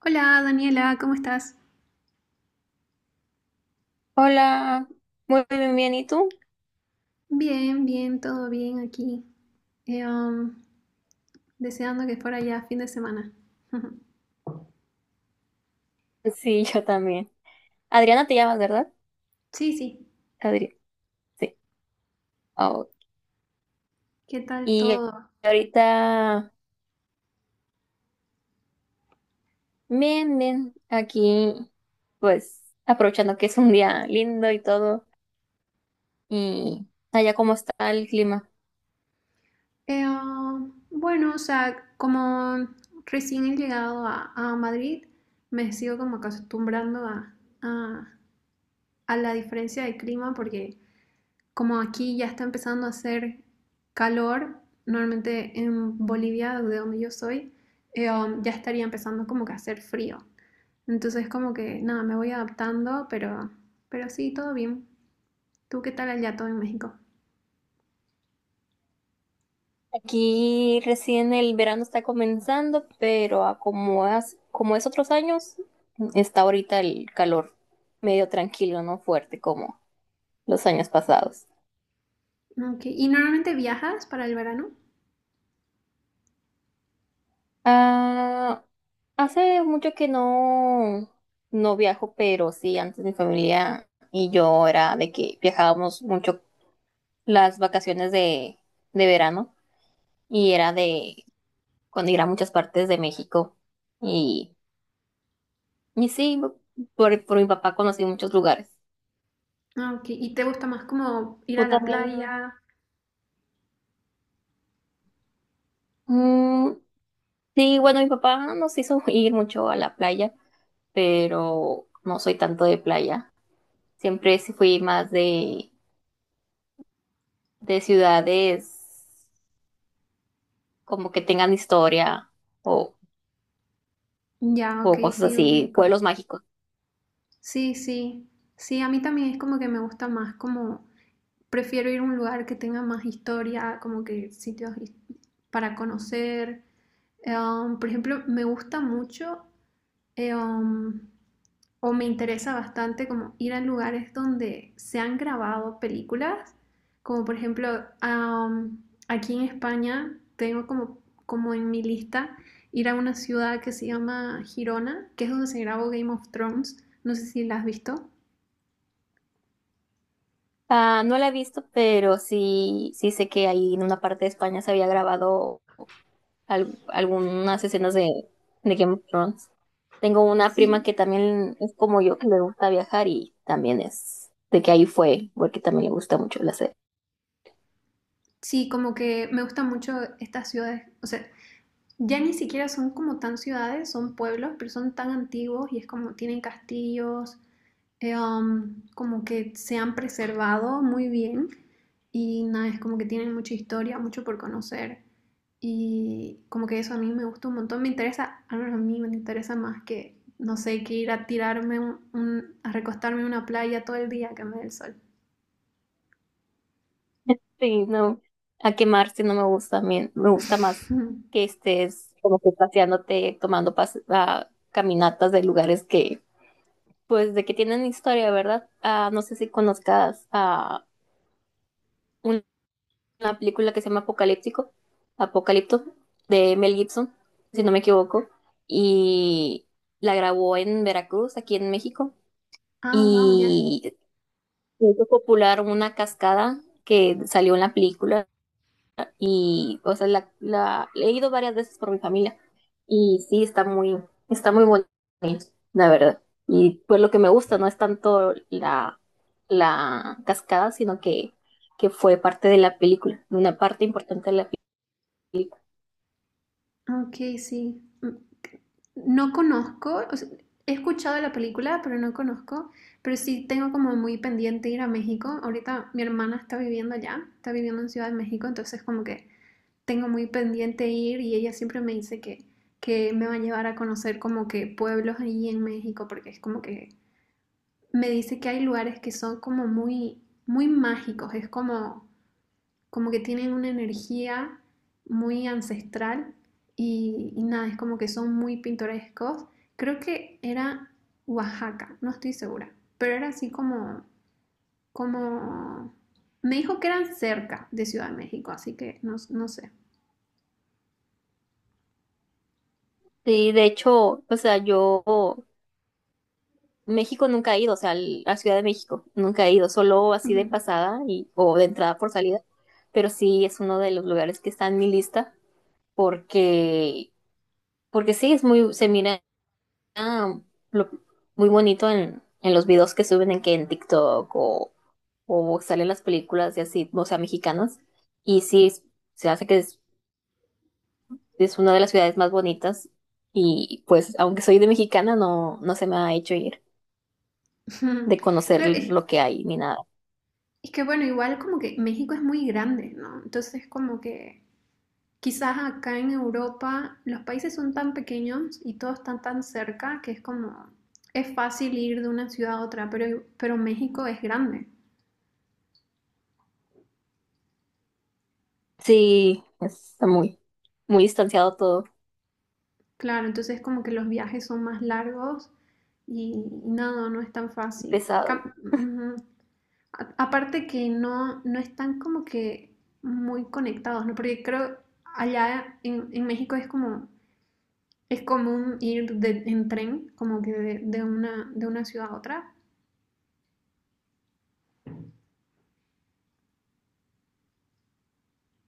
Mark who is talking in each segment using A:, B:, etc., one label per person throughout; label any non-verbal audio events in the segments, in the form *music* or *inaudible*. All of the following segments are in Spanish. A: Hola Daniela, ¿cómo estás?
B: Hola, muy bien, bien, ¿y tú?
A: Bien, bien, todo bien aquí. Eh, um, Deseando que fuera ya fin de semana. *laughs*
B: Sí, yo también. Adriana te llamas, ¿verdad?
A: Sí, sí,
B: Adriana, sí. Oh,
A: ¿qué tal
B: y
A: todo?
B: ahorita, bien, bien, aquí, pues, aprovechando que es un día lindo y todo. ¿Y allá cómo está el clima?
A: Bueno, o sea, como recién he llegado a Madrid, me sigo como acostumbrando a- a la diferencia de clima porque como aquí ya está empezando a hacer calor. Normalmente en Bolivia, de donde yo soy, ya estaría empezando como que a hacer frío. Entonces como que nada, me voy adaptando, pero sí, todo bien. ¿Tú qué tal allá todo en México?
B: Aquí recién el verano está comenzando, pero a como, como es otros años, está ahorita el calor medio tranquilo, no fuerte como los años pasados.
A: Ok. ¿Y normalmente viajas para el verano?
B: Ah. Hace mucho que no, no viajo, pero sí, antes mi familia y yo era de que viajábamos mucho las vacaciones de, verano y era de cuando ir a muchas partes de México. Y, y sí, por mi papá conocí muchos lugares.
A: Ah, ok, ¿y te gusta más como ir a
B: Tú
A: la
B: también.
A: playa?
B: Mm, sí, bueno, mi papá nos hizo *laughs* ir mucho a la playa, pero no soy tanto de playa. Siempre sí fui más de, ciudades como que tengan historia o,
A: Ya, ok,
B: o cosas
A: sí,
B: así,
A: ubico.
B: pueblos mágicos.
A: Sí, sí, sí, a mí también es como que me gusta más como, prefiero ir a un lugar que tenga más historia, como que para conocer. Por ejemplo, me gusta mucho eh, um, o me interesa bastante como ir a lugares donde se han grabado películas, como por ejemplo am, aquí en España tengo como, como en mi lista ir a una ciudad que se llama Girona, que es donde se grabó Game of Thrones, no sé si la has visto.
B: Ah, no la he visto, pero sí, sí sé que ahí en una parte de España se había grabado algunas escenas de Game of Thrones. Tengo una prima
A: Sí.
B: que también es como yo, que le gusta viajar y también es de que ahí fue, porque también le gusta mucho la serie.
A: Sí, como que me gustan mucho estas ciudades, o sea, ya ni siquiera son como tan ciudades, son pueblos, pero son tan antiguos y es como tienen castillos, como que se han preservado muy bien y nada, es como que tienen mucha historia, mucho por conocer y como que eso a mí me gusta un montón, me interesa, al menos a mí me interesa más que, no sé, que ir a tirarme, a recostarme en una playa todo el día que me dé el sol.
B: Sí, no, a quemarse no me gusta, a mí me gusta más
A: *laughs*
B: que estés como que paseándote, tomando caminatas de lugares que pues de que tienen historia, ¿verdad? Ah, no sé si conozcas a una película que se llama Apocalipto, de Mel Gibson, si no me equivoco, y la grabó en Veracruz, aquí en México,
A: Ah, wow, ya. Yeah.
B: y hizo popular una cascada que salió en la película. Y, o sea, he ido varias veces por mi familia y sí, está muy bonito, la verdad. Y pues lo que me gusta no es tanto la, cascada, sino que fue parte de la película, una parte importante de la película.
A: Ok, sí. No conozco, o sea, he escuchado de la película, pero no conozco. Pero sí tengo como muy pendiente ir a México. Ahorita mi hermana está viviendo allá, está viviendo en Ciudad de México, entonces como que tengo muy pendiente ir y ella siempre me dice que me va a llevar a conocer como que pueblos ahí en México, porque es como que me dice que hay lugares que son como muy, muy mágicos, es como como que tienen una energía muy ancestral y nada, es como que son muy pintorescos. Creo que era Oaxaca, no estoy segura, pero era así como, como, me dijo que eran cerca de Ciudad de México, así que no, no sé.
B: Sí, de hecho, o sea, yo México nunca he ido, o sea, a Ciudad de México nunca he ido, solo así de
A: Ujú.
B: pasada y, o de entrada por salida, pero sí es uno de los lugares que está en mi lista porque Porque sí, es muy, se mira ah, lo- muy bonito en, los videos que suben en TikTok o salen las películas y así, o sea, mexicanas. Y sí, se hace que es una de las ciudades más bonitas. Y pues, aunque soy de mexicana, no, no se me ha hecho ir de
A: *laughs*
B: conocer
A: Claro,
B: lo que hay ni nada.
A: es que bueno, igual como que México es muy grande, ¿no? Entonces como que quizás acá en Europa los países son tan pequeños y todos están tan cerca que es como, es fácil ir de una ciudad a otra, pero México es grande.
B: Sí, está muy, muy distanciado todo,
A: Claro, entonces como que los viajes son más largos y, y nada, no es tan fácil.
B: pesado.
A: Ujú. A- aparte que no, no están como que muy conectados, ¿no? Porque creo allá en México es como, es común ir en tren, como que de una ciudad a otra.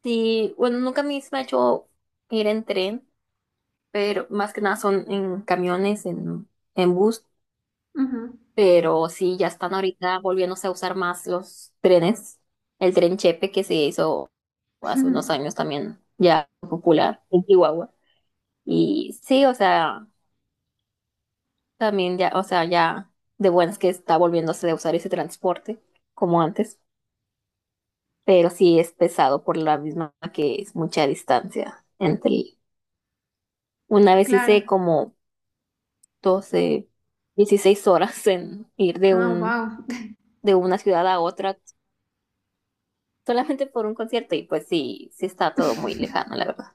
B: Sí, bueno, nunca a mí se me ha hecho ir en tren, pero más que nada son en camiones, en bus.
A: Ujú.
B: Pero sí, ya están ahorita volviéndose a usar más los trenes. El tren Chepe que se hizo hace unos
A: *laughs*
B: años también ya popular en Chihuahua. Y sí, o sea, también ya, o sea, ya de buenas que está volviéndose a usar ese transporte como antes, pero sí es pesado por la misma que es mucha distancia entre. Una vez
A: Claro,
B: hice como 12 16 horas en ir de
A: ah,
B: un
A: wow, *laughs*
B: de una ciudad a otra solamente por un concierto y pues sí, sí está todo muy lejano, la verdad.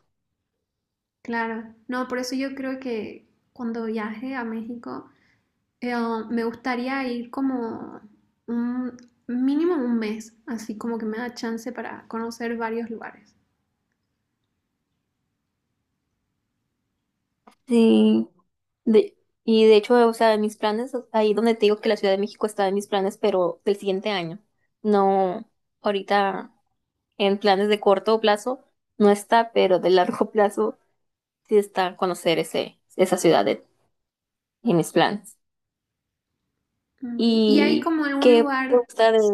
A: claro. No, por eso yo creo que cuando viaje a México, oh, me gustaría ir como un mínimo un mes, así como que me da chance para conocer varios lugares.
B: Sí, de, y de hecho, o sea, de mis planes, ahí donde te digo que la Ciudad de México está en mis planes, pero del siguiente año. No, ahorita en planes de corto plazo no está, pero de largo *laughs* plazo sí está conocer esa ciudad en mis planes.
A: Ok, y hay
B: ¿Y
A: como algún
B: qué te
A: lugar,
B: gusta de...?
A: s-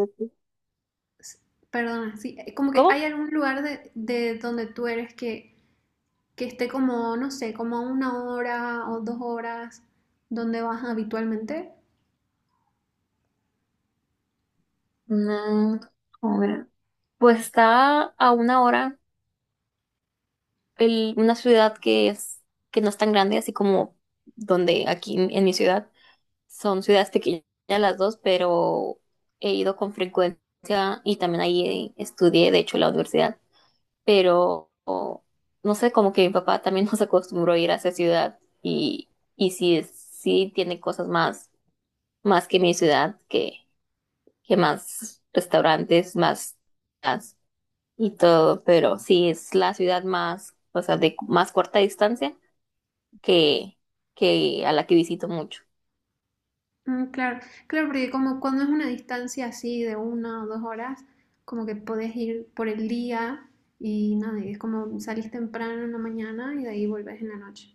A: s- perdona, sí, como que
B: ¿Cómo?
A: hay algún lugar de donde tú eres que esté como, no sé, como a una hora o dos horas donde vas habitualmente.
B: Mm, a ver, pues está a una hora una ciudad que no es tan grande, así como donde aquí en, mi ciudad, son ciudades pequeñas las dos, pero he ido con frecuencia y también ahí estudié, de hecho, la universidad, pero o, no sé, como que mi papá también *laughs* nos acostumbró a ir a esa ciudad y sí, sí tiene cosas más, más que mi ciudad, que, más restaurantes, más... más y todo, pero sí es la ciudad más, o sea, de más corta distancia que, que a la que visito mucho.
A: Mm, claro, claro, porque como cuando es una distancia así de una o dos horas, como que podés ir por el día y nada, y es como salís temprano en la mañana y de ahí volvés en la noche.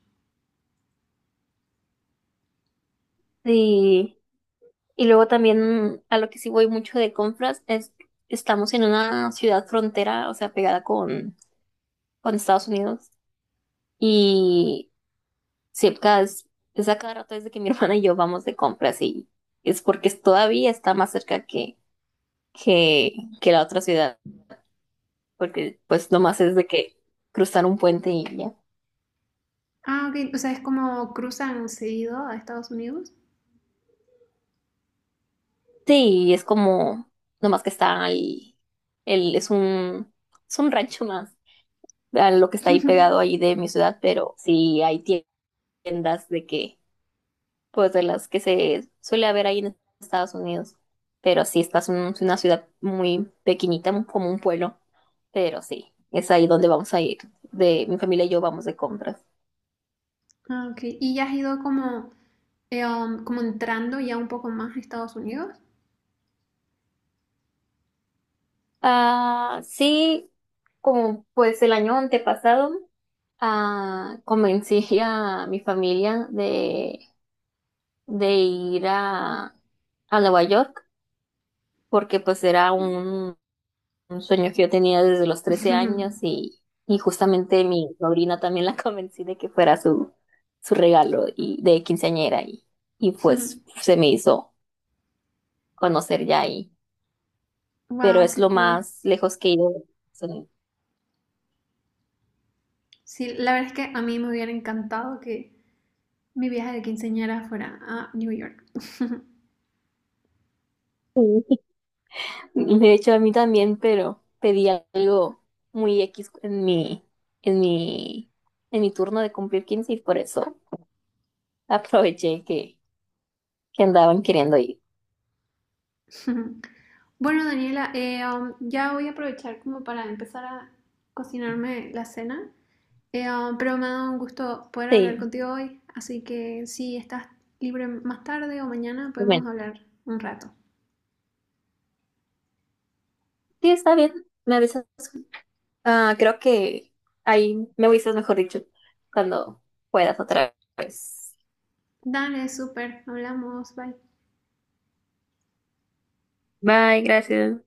B: Y, y luego también a lo que sí voy mucho de compras es estamos en una ciudad frontera, o sea, pegada con, Estados Unidos. Y cerca es a cada rato desde que mi *laughs* hermana y yo vamos de compras y es porque todavía está más cerca que, que la otra ciudad, porque pues nomás es de que cruzar un puente y ya.
A: Ah, ok, o sea, es como cruzan seguido a Estados Unidos.
B: Sí, es como nomás que está ahí, el, es un, es un rancho más a lo que está ahí pegado
A: *laughs*
B: ahí de mi ciudad, pero sí hay tiendas de que, pues de las que se suele haber ahí en Estados Unidos. Pero sí, estás en una ciudad muy pequeñita, como un pueblo, pero sí, es ahí donde vamos a ir. De mi familia y yo vamos de compras.
A: Ah, ok, y ya has ido como, como entrando ya un poco más a Estados Unidos.
B: Ah, sí, como pues el año antepasado, ah, convencí a mi familia de, ir a Nueva York porque pues era un sueño que yo tenía desde los 13 años,
A: *laughs*
B: y justamente mi sobrina también la *laughs* convencí de que fuera su, regalo, y, de quinceañera y pues se me hizo conocer ya ahí, pero
A: Wow,
B: es
A: qué
B: lo
A: cool.
B: más lejos que he ido. Son-
A: Sí, la verdad es que a mí me hubiera encantado que mi viaje de quinceañera fuera a New York. *laughs*
B: Sí. De hecho, a mí también, pero pedí algo muy X en mi, en mi, en mi, turno de cumplir 15 y por eso aproveché que andaban queriendo ir.
A: Bueno, Daniela, ya voy a aprovechar como para empezar a cocinarme la cena. Pero me ha dado un gusto poder hablar
B: Sí,
A: contigo hoy, así que si estás libre más tarde o mañana
B: bueno.
A: podemos hablar un rato.
B: Sí, está bien. Me avisas, ah, creo que ahí me avisas, mejor dicho, cuando puedas otra vez.
A: Dale, súper, hablamos, bye.
B: Bye, gracias.